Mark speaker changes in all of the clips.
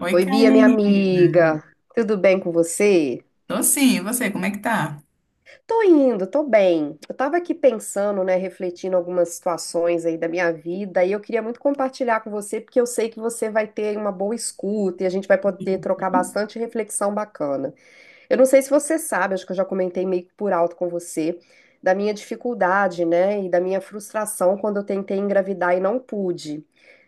Speaker 1: Oi,
Speaker 2: Oi, Bia, minha
Speaker 1: Karina.
Speaker 2: amiga. Tudo bem com você?
Speaker 1: Tô sim, e você, como é que tá?
Speaker 2: Tô indo, tô bem. Eu tava aqui pensando, né, refletindo algumas situações aí da minha vida e eu queria muito compartilhar com você porque eu sei que você vai ter uma boa escuta e a gente vai poder trocar bastante reflexão bacana. Eu não sei se você sabe, acho que eu já comentei meio que por alto com você da minha dificuldade, né, e da minha frustração quando eu tentei engravidar e não pude.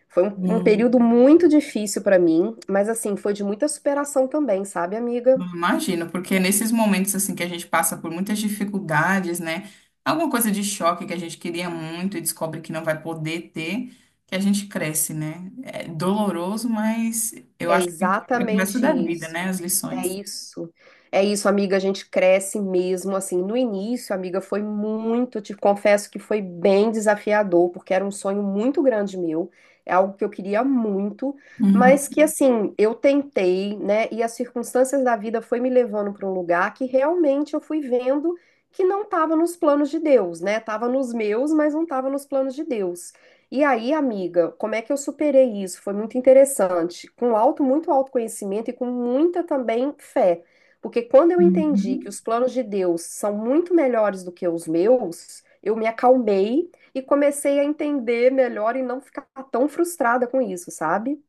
Speaker 2: Foi um período
Speaker 1: Hum,
Speaker 2: muito difícil pra mim, mas assim, foi de muita superação também, sabe, amiga?
Speaker 1: Imagino, porque nesses momentos assim que a gente passa por muitas dificuldades, né? Alguma coisa de choque que a gente queria muito e descobre que não vai poder ter, que a gente cresce, né? É doloroso, mas eu
Speaker 2: É
Speaker 1: acho que fica pro resto
Speaker 2: exatamente
Speaker 1: da vida, né?
Speaker 2: isso.
Speaker 1: As
Speaker 2: É
Speaker 1: lições.
Speaker 2: isso. É isso, amiga. A gente cresce mesmo assim. No início, amiga, foi muito, te confesso que foi bem desafiador, porque era um sonho muito grande meu. É algo que eu queria muito,
Speaker 1: Uhum.
Speaker 2: mas que assim, eu tentei, né? E as circunstâncias da vida foi me levando para um lugar que realmente eu fui vendo que não estava nos planos de Deus, né? Tava nos meus, mas não estava nos planos de Deus. E aí, amiga, como é que eu superei isso? Foi muito interessante. Com alto, muito autoconhecimento e com muita também fé. Porque quando eu entendi que
Speaker 1: Uhum.
Speaker 2: os planos de Deus são muito melhores do que os meus, eu me acalmei e comecei a entender melhor e não ficar tão frustrada com isso, sabe?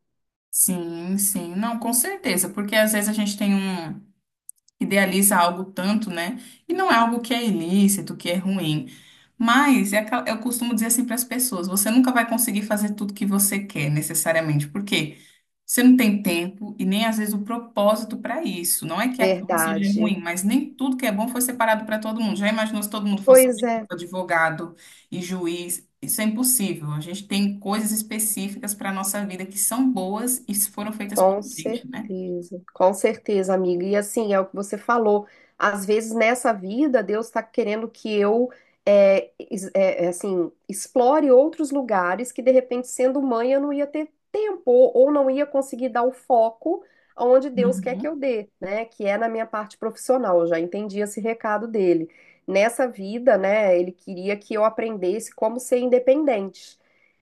Speaker 1: Sim, sim. Não, com certeza, porque às vezes a gente tem idealiza algo tanto, né? E não é algo que é ilícito, que é ruim. Mas é eu costumo dizer assim para as pessoas: você nunca vai conseguir fazer tudo que você quer, necessariamente, porque você não tem tempo e nem às vezes o propósito para isso. Não é que aquilo seja ruim,
Speaker 2: Verdade.
Speaker 1: mas nem tudo que é bom foi separado para todo mundo. Já imaginou se todo mundo fosse
Speaker 2: Pois é.
Speaker 1: advogado e juiz? Isso é impossível. A gente tem coisas específicas para a nossa vida que são boas e foram feitas para a gente, né?
Speaker 2: Com certeza, amiga. E assim, é o que você falou. Às vezes nessa vida, Deus está querendo que eu, assim, explore outros lugares que de repente, sendo mãe, eu não ia ter tempo ou não ia conseguir dar o foco aonde Deus quer que
Speaker 1: Uhum.
Speaker 2: eu dê, né? Que é na minha parte profissional. Eu já entendi esse recado dele. Nessa vida, né, ele queria que eu aprendesse como ser independente.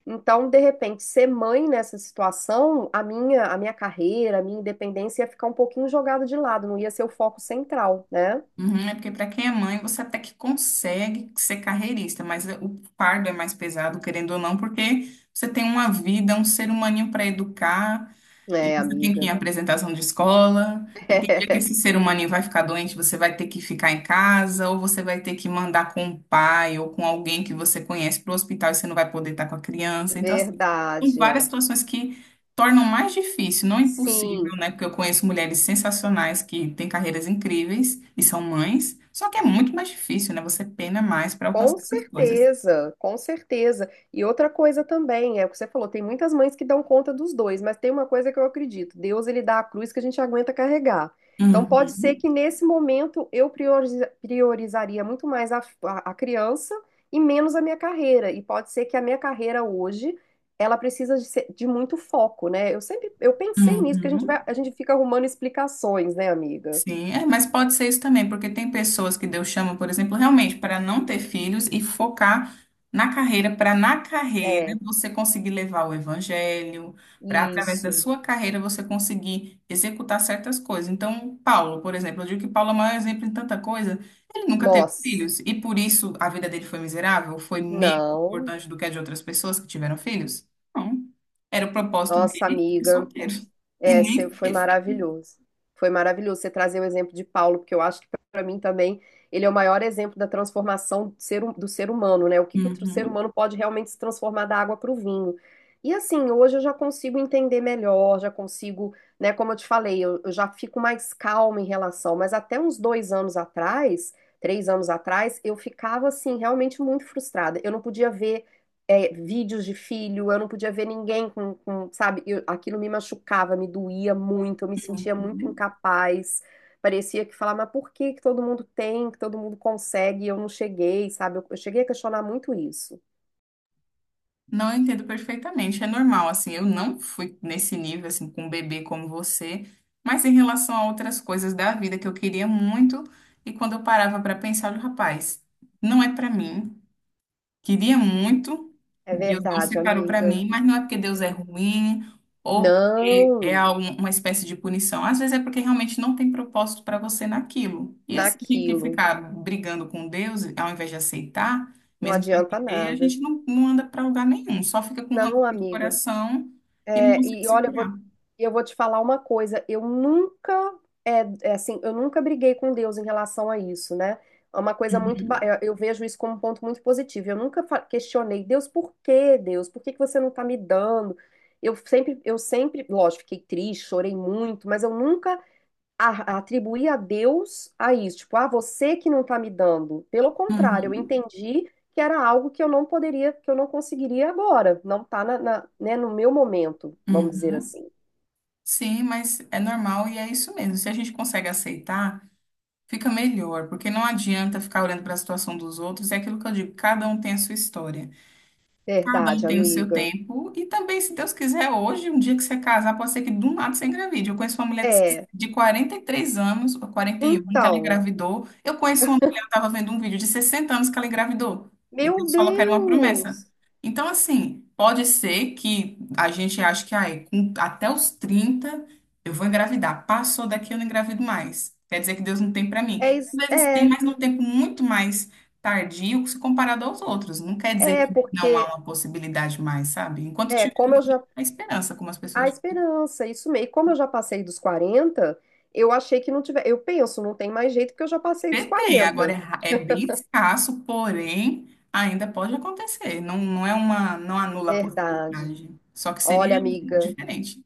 Speaker 2: Então, de repente, ser mãe nessa situação, a minha carreira, a minha independência ia ficar um pouquinho jogada de lado, não ia ser o foco central, né?
Speaker 1: Uhum, é porque para quem é mãe, você até que consegue ser carreirista, mas o fardo é mais pesado, querendo ou não, porque você tem uma vida, um ser humaninho para educar, e
Speaker 2: É,
Speaker 1: você tem que ir em
Speaker 2: amiga.
Speaker 1: apresentação de escola, e tem dia que esse ser humano vai ficar doente, você vai ter que ficar em casa, ou você vai ter que mandar com o pai ou com alguém que você conhece para o hospital e você não vai poder estar com a
Speaker 2: É,
Speaker 1: criança. Então, assim, tem
Speaker 2: verdade,
Speaker 1: várias
Speaker 2: é.
Speaker 1: situações que tornam mais difícil, não impossível,
Speaker 2: Sim.
Speaker 1: né? Porque eu conheço mulheres sensacionais que têm carreiras incríveis e são mães, só que é muito mais difícil, né? Você pena mais para
Speaker 2: Com
Speaker 1: alcançar essas coisas.
Speaker 2: certeza, com certeza. E outra coisa também, é o que você falou, tem muitas mães que dão conta dos dois, mas tem uma coisa que eu acredito, Deus ele dá a cruz que a gente aguenta carregar. Então pode ser
Speaker 1: Uhum,
Speaker 2: que nesse momento eu priorizaria muito mais a criança e menos a minha carreira. E pode ser que a minha carreira hoje, ela precisa de, de muito foco, né? Eu sempre, eu pensei nisso, porque a gente
Speaker 1: uhum.
Speaker 2: vai, a gente fica arrumando explicações, né, amiga?
Speaker 1: Sim, é, mas pode ser isso também, porque tem pessoas que Deus chama, por exemplo, realmente para não ter filhos e focar na carreira, para na carreira
Speaker 2: É,
Speaker 1: você conseguir levar o evangelho, para através da
Speaker 2: isso.
Speaker 1: sua carreira você conseguir executar certas coisas. Então, Paulo, por exemplo, eu digo que Paulo é o maior exemplo em tanta coisa, ele nunca teve
Speaker 2: Nossa,
Speaker 1: filhos e por isso a vida dele foi miserável, foi menos
Speaker 2: não.
Speaker 1: importante do que a de outras pessoas que tiveram filhos? Não, era o propósito
Speaker 2: Nossa,
Speaker 1: dele ser
Speaker 2: amiga,
Speaker 1: solteiro e nem
Speaker 2: foi
Speaker 1: ter filho.
Speaker 2: maravilhoso. Foi maravilhoso você trazer o exemplo de Paulo, porque eu acho que para mim também ele é o maior exemplo da transformação do ser, do ser humano, né? O que, que o ser
Speaker 1: Uhum.
Speaker 2: humano pode realmente se transformar da água para o vinho. E assim, hoje eu já consigo entender melhor, já consigo, né? Como eu te falei, eu já fico mais calma em relação, mas até uns dois anos atrás, três anos atrás, eu ficava assim, realmente muito frustrada. Eu não podia ver vídeos de filho, eu não podia ver ninguém com, sabe? Aquilo me machucava, me doía muito, eu me sentia muito incapaz. Parecia que falava, mas por que que todo mundo tem, que todo mundo consegue, e eu não cheguei, sabe? Eu cheguei a questionar muito isso.
Speaker 1: Não, eu entendo perfeitamente, é normal, assim, eu não fui nesse nível, assim, com um bebê como você, mas em relação a outras coisas da vida que eu queria muito, e quando eu parava para pensar, eu, rapaz, não é para mim, queria muito,
Speaker 2: É
Speaker 1: Deus não
Speaker 2: verdade,
Speaker 1: separou para
Speaker 2: amiga.
Speaker 1: mim, mas não é porque Deus é
Speaker 2: É.
Speaker 1: ruim ou porque é
Speaker 2: Não,
Speaker 1: uma espécie de punição. Às vezes é porque realmente não tem propósito para você naquilo. E assim, a gente
Speaker 2: naquilo.
Speaker 1: ficar brigando com Deus, ao invés de aceitar,
Speaker 2: Não
Speaker 1: mesmo sem
Speaker 2: adianta
Speaker 1: ter, a
Speaker 2: nada.
Speaker 1: gente não, não anda para lugar nenhum, só fica com rancor
Speaker 2: Não,
Speaker 1: no
Speaker 2: amiga.
Speaker 1: coração e não
Speaker 2: É,
Speaker 1: consegue
Speaker 2: e
Speaker 1: se
Speaker 2: olha,
Speaker 1: curar.
Speaker 2: eu vou te falar uma coisa, eu nunca, assim, eu nunca briguei com Deus em relação a isso, né? É uma coisa muito,
Speaker 1: Uhum,
Speaker 2: eu vejo isso como um ponto muito positivo. Eu nunca questionei, Deus? Por que que você não tá me dando? Eu sempre, lógico, fiquei triste, chorei muito, mas eu nunca atribuir a Deus a isso, tipo, ah, você que não está me dando. Pelo contrário, eu
Speaker 1: uhum,
Speaker 2: entendi que era algo que eu não poderia, que eu não conseguiria agora, não está na, né, no meu momento, vamos dizer
Speaker 1: uhum.
Speaker 2: assim.
Speaker 1: Sim, mas é normal e é isso mesmo. Se a gente consegue aceitar. Fica melhor, porque não adianta ficar olhando para a situação dos outros. É aquilo que eu digo, cada um tem a sua história. Cada um
Speaker 2: Verdade,
Speaker 1: tem o seu
Speaker 2: amiga.
Speaker 1: tempo. E também, se Deus quiser, hoje, um dia que você casar, pode ser que do nada você engravide. Eu conheço uma mulher de
Speaker 2: É,
Speaker 1: de 43 anos, ou 41 que ela
Speaker 2: então,
Speaker 1: engravidou. Eu conheço uma mulher, eu estava vendo um vídeo de 60 anos que ela engravidou. E
Speaker 2: meu
Speaker 1: Deus falou que era uma promessa.
Speaker 2: Deus,
Speaker 1: Então, assim, pode ser que a gente ache que ai, até os 30 eu vou engravidar. Passou daqui, eu não engravido mais. Quer dizer que Deus não tem para
Speaker 2: é,
Speaker 1: mim.
Speaker 2: is-
Speaker 1: Às vezes tem,
Speaker 2: é,
Speaker 1: mas num tempo muito mais tardio se comparado aos outros. Não quer dizer
Speaker 2: é,
Speaker 1: não há
Speaker 2: porque,
Speaker 1: uma possibilidade mais, sabe? Enquanto tiver
Speaker 2: como eu já,
Speaker 1: a esperança, como as
Speaker 2: a
Speaker 1: pessoas
Speaker 2: esperança, isso mesmo, e como eu já passei dos 40, eu achei que não tiver, eu penso, não tem mais jeito porque eu já passei dos
Speaker 1: dizem, tem. Agora é,
Speaker 2: 40.
Speaker 1: ra- é bem escasso, porém ainda pode acontecer. Não, não é uma, não anula a
Speaker 2: Verdade.
Speaker 1: possibilidade. Só que
Speaker 2: Olha,
Speaker 1: seria
Speaker 2: amiga,
Speaker 1: diferente.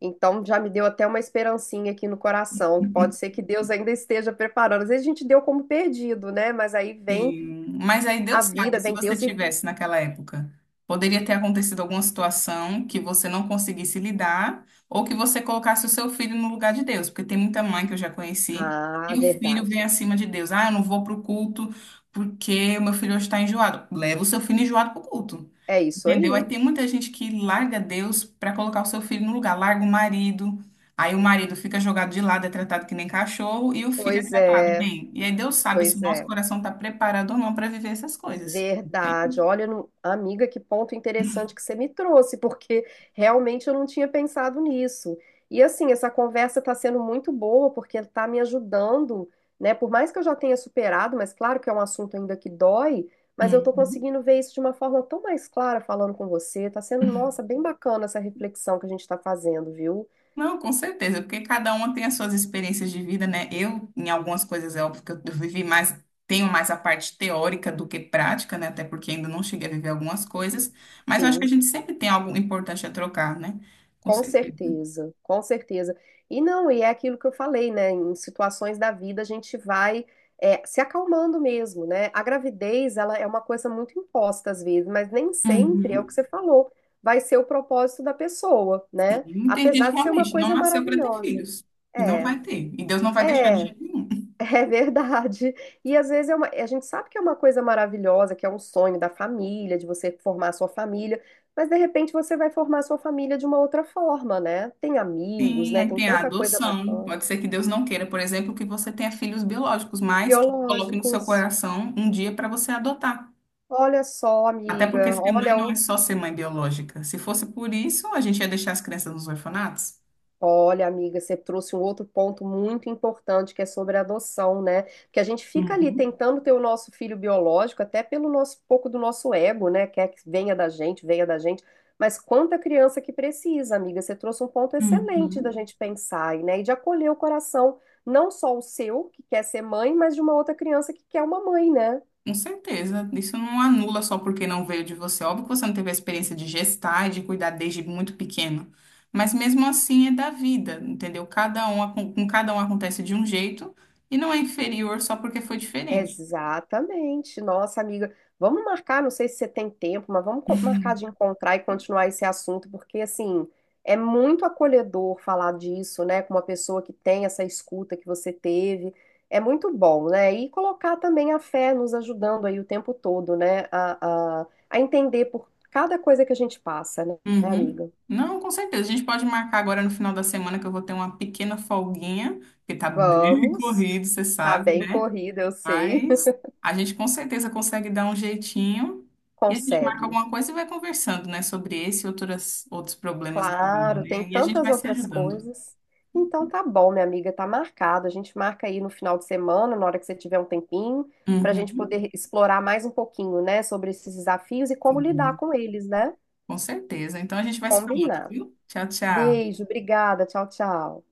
Speaker 2: então já me deu até uma esperancinha aqui no coração, que pode ser que Deus ainda esteja preparando. Às vezes a gente deu como perdido, né? Mas aí vem
Speaker 1: Sim, mas aí
Speaker 2: a
Speaker 1: Deus sabe,
Speaker 2: vida,
Speaker 1: se
Speaker 2: vem
Speaker 1: você
Speaker 2: Deus e.
Speaker 1: tivesse naquela época, poderia ter acontecido alguma situação que você não conseguisse lidar, ou que você colocasse o seu filho no lugar de Deus, porque tem muita mãe que eu já conheci,
Speaker 2: Ah,
Speaker 1: e o filho vem
Speaker 2: verdade.
Speaker 1: acima de Deus. Ah, eu não vou pro culto porque o meu filho hoje está enjoado. Leva o seu filho enjoado pro culto.
Speaker 2: É isso
Speaker 1: Entendeu? Aí
Speaker 2: aí.
Speaker 1: tem muita gente que larga Deus para colocar o seu filho no lugar, larga o marido, aí o marido fica jogado de lado, é tratado que nem cachorro, e o filho é
Speaker 2: Pois
Speaker 1: tratado
Speaker 2: é,
Speaker 1: bem. E aí Deus sabe se o
Speaker 2: pois
Speaker 1: nosso
Speaker 2: é.
Speaker 1: coração está preparado ou não para viver essas coisas.
Speaker 2: Verdade.
Speaker 1: Entende?
Speaker 2: Olha, amiga, que ponto interessante que você me trouxe, porque realmente eu não tinha pensado nisso. E assim, essa conversa está sendo muito boa, porque está me ajudando, né? Por mais que eu já tenha superado, mas claro que é um assunto ainda que dói, mas eu estou
Speaker 1: Uhum.
Speaker 2: conseguindo ver isso de uma forma tão mais clara falando com você. Está sendo, nossa, bem bacana essa reflexão que a gente está fazendo, viu?
Speaker 1: Não, com certeza, porque cada uma tem as suas experiências de vida, né? Eu, em algumas coisas, é óbvio que eu vivi mais, tenho mais a parte teórica do que prática, né? Até porque ainda não cheguei a viver algumas coisas, mas eu acho que a
Speaker 2: Sim.
Speaker 1: gente sempre tem algo importante a trocar, né? Com
Speaker 2: Com
Speaker 1: certeza.
Speaker 2: certeza, com certeza. E não, e é aquilo que eu falei, né? Em situações da vida a gente vai se acalmando mesmo, né? A gravidez, ela é uma coisa muito imposta às vezes, mas nem sempre é o
Speaker 1: Uhum.
Speaker 2: que você falou, vai ser o propósito da pessoa, né?
Speaker 1: Sim, tem gente
Speaker 2: Apesar
Speaker 1: que
Speaker 2: de ser uma
Speaker 1: realmente não
Speaker 2: coisa
Speaker 1: nasceu para ter
Speaker 2: maravilhosa.
Speaker 1: filhos. E não
Speaker 2: É,
Speaker 1: vai ter. E Deus não vai
Speaker 2: é,
Speaker 1: deixar de jeito nenhum.
Speaker 2: É verdade. E às vezes é uma, a gente sabe que é uma coisa maravilhosa, que é um sonho da família, de você formar a sua família, mas de repente você vai formar a sua família de uma outra forma, né? Tem amigos,
Speaker 1: Sim,
Speaker 2: né?
Speaker 1: aí
Speaker 2: Tem
Speaker 1: tem a
Speaker 2: tanta coisa
Speaker 1: adoção.
Speaker 2: bacana.
Speaker 1: Pode ser que Deus não queira, por exemplo, que você tenha filhos biológicos, mas que coloque no seu
Speaker 2: Biológicos.
Speaker 1: coração um dia para você adotar.
Speaker 2: Olha só,
Speaker 1: Até porque
Speaker 2: amiga,
Speaker 1: ser mãe
Speaker 2: olha.
Speaker 1: não é só ser mãe biológica. Se fosse por isso, a gente ia deixar as crianças nos orfanatos.
Speaker 2: Olha, amiga, você trouxe um outro ponto muito importante que é sobre a adoção, né? Porque a gente fica ali
Speaker 1: Uhum.
Speaker 2: tentando ter o nosso filho biológico, até pelo nosso pouco do nosso ego, né? Quer que venha da gente, venha da gente. Mas quanta criança que precisa, amiga, você trouxe um ponto excelente da
Speaker 1: Uhum.
Speaker 2: gente pensar, né? E de acolher o coração, não só o seu, que quer ser mãe, mas de uma outra criança que quer uma mãe, né?
Speaker 1: Com certeza, isso não anula só porque não veio de você. Óbvio que você não teve a experiência de gestar e de cuidar desde muito pequeno, mas mesmo assim é da vida, entendeu? Cada um, com cada um acontece de um jeito e não é inferior só porque foi diferente.
Speaker 2: Exatamente. Nossa, amiga, vamos marcar, não sei se você tem tempo, mas vamos marcar de encontrar e continuar esse assunto, porque assim, é muito acolhedor falar disso, né, com uma pessoa que tem essa escuta que você teve. É muito bom, né? E colocar também a fé nos ajudando aí o tempo todo, né, a entender por cada coisa que a gente passa, né,
Speaker 1: Uhum.
Speaker 2: amiga?
Speaker 1: Não, com certeza. A gente pode marcar agora no final da semana que eu vou ter uma pequena folguinha, porque tá bem
Speaker 2: Vamos.
Speaker 1: corrido, você
Speaker 2: Tá
Speaker 1: sabe,
Speaker 2: bem
Speaker 1: né?
Speaker 2: corrida, eu sei.
Speaker 1: Mas a gente com certeza consegue dar um jeitinho e a gente marca
Speaker 2: Consegue.
Speaker 1: alguma coisa e vai conversando, né, sobre esse e outros problemas da vida,
Speaker 2: Claro, tem
Speaker 1: né? E a gente
Speaker 2: tantas
Speaker 1: vai se
Speaker 2: outras
Speaker 1: ajudando.
Speaker 2: coisas. Então tá bom, minha amiga, tá marcado. A gente marca aí no final de semana, na hora que você tiver um tempinho, para a gente
Speaker 1: Uhum.
Speaker 2: poder explorar mais um pouquinho, né, sobre esses desafios e como lidar
Speaker 1: Sim,
Speaker 2: com eles, né?
Speaker 1: com certeza. Então a gente vai se falando,
Speaker 2: Combinado.
Speaker 1: viu? Tchau, tchau.
Speaker 2: Beijo, obrigada, tchau, tchau.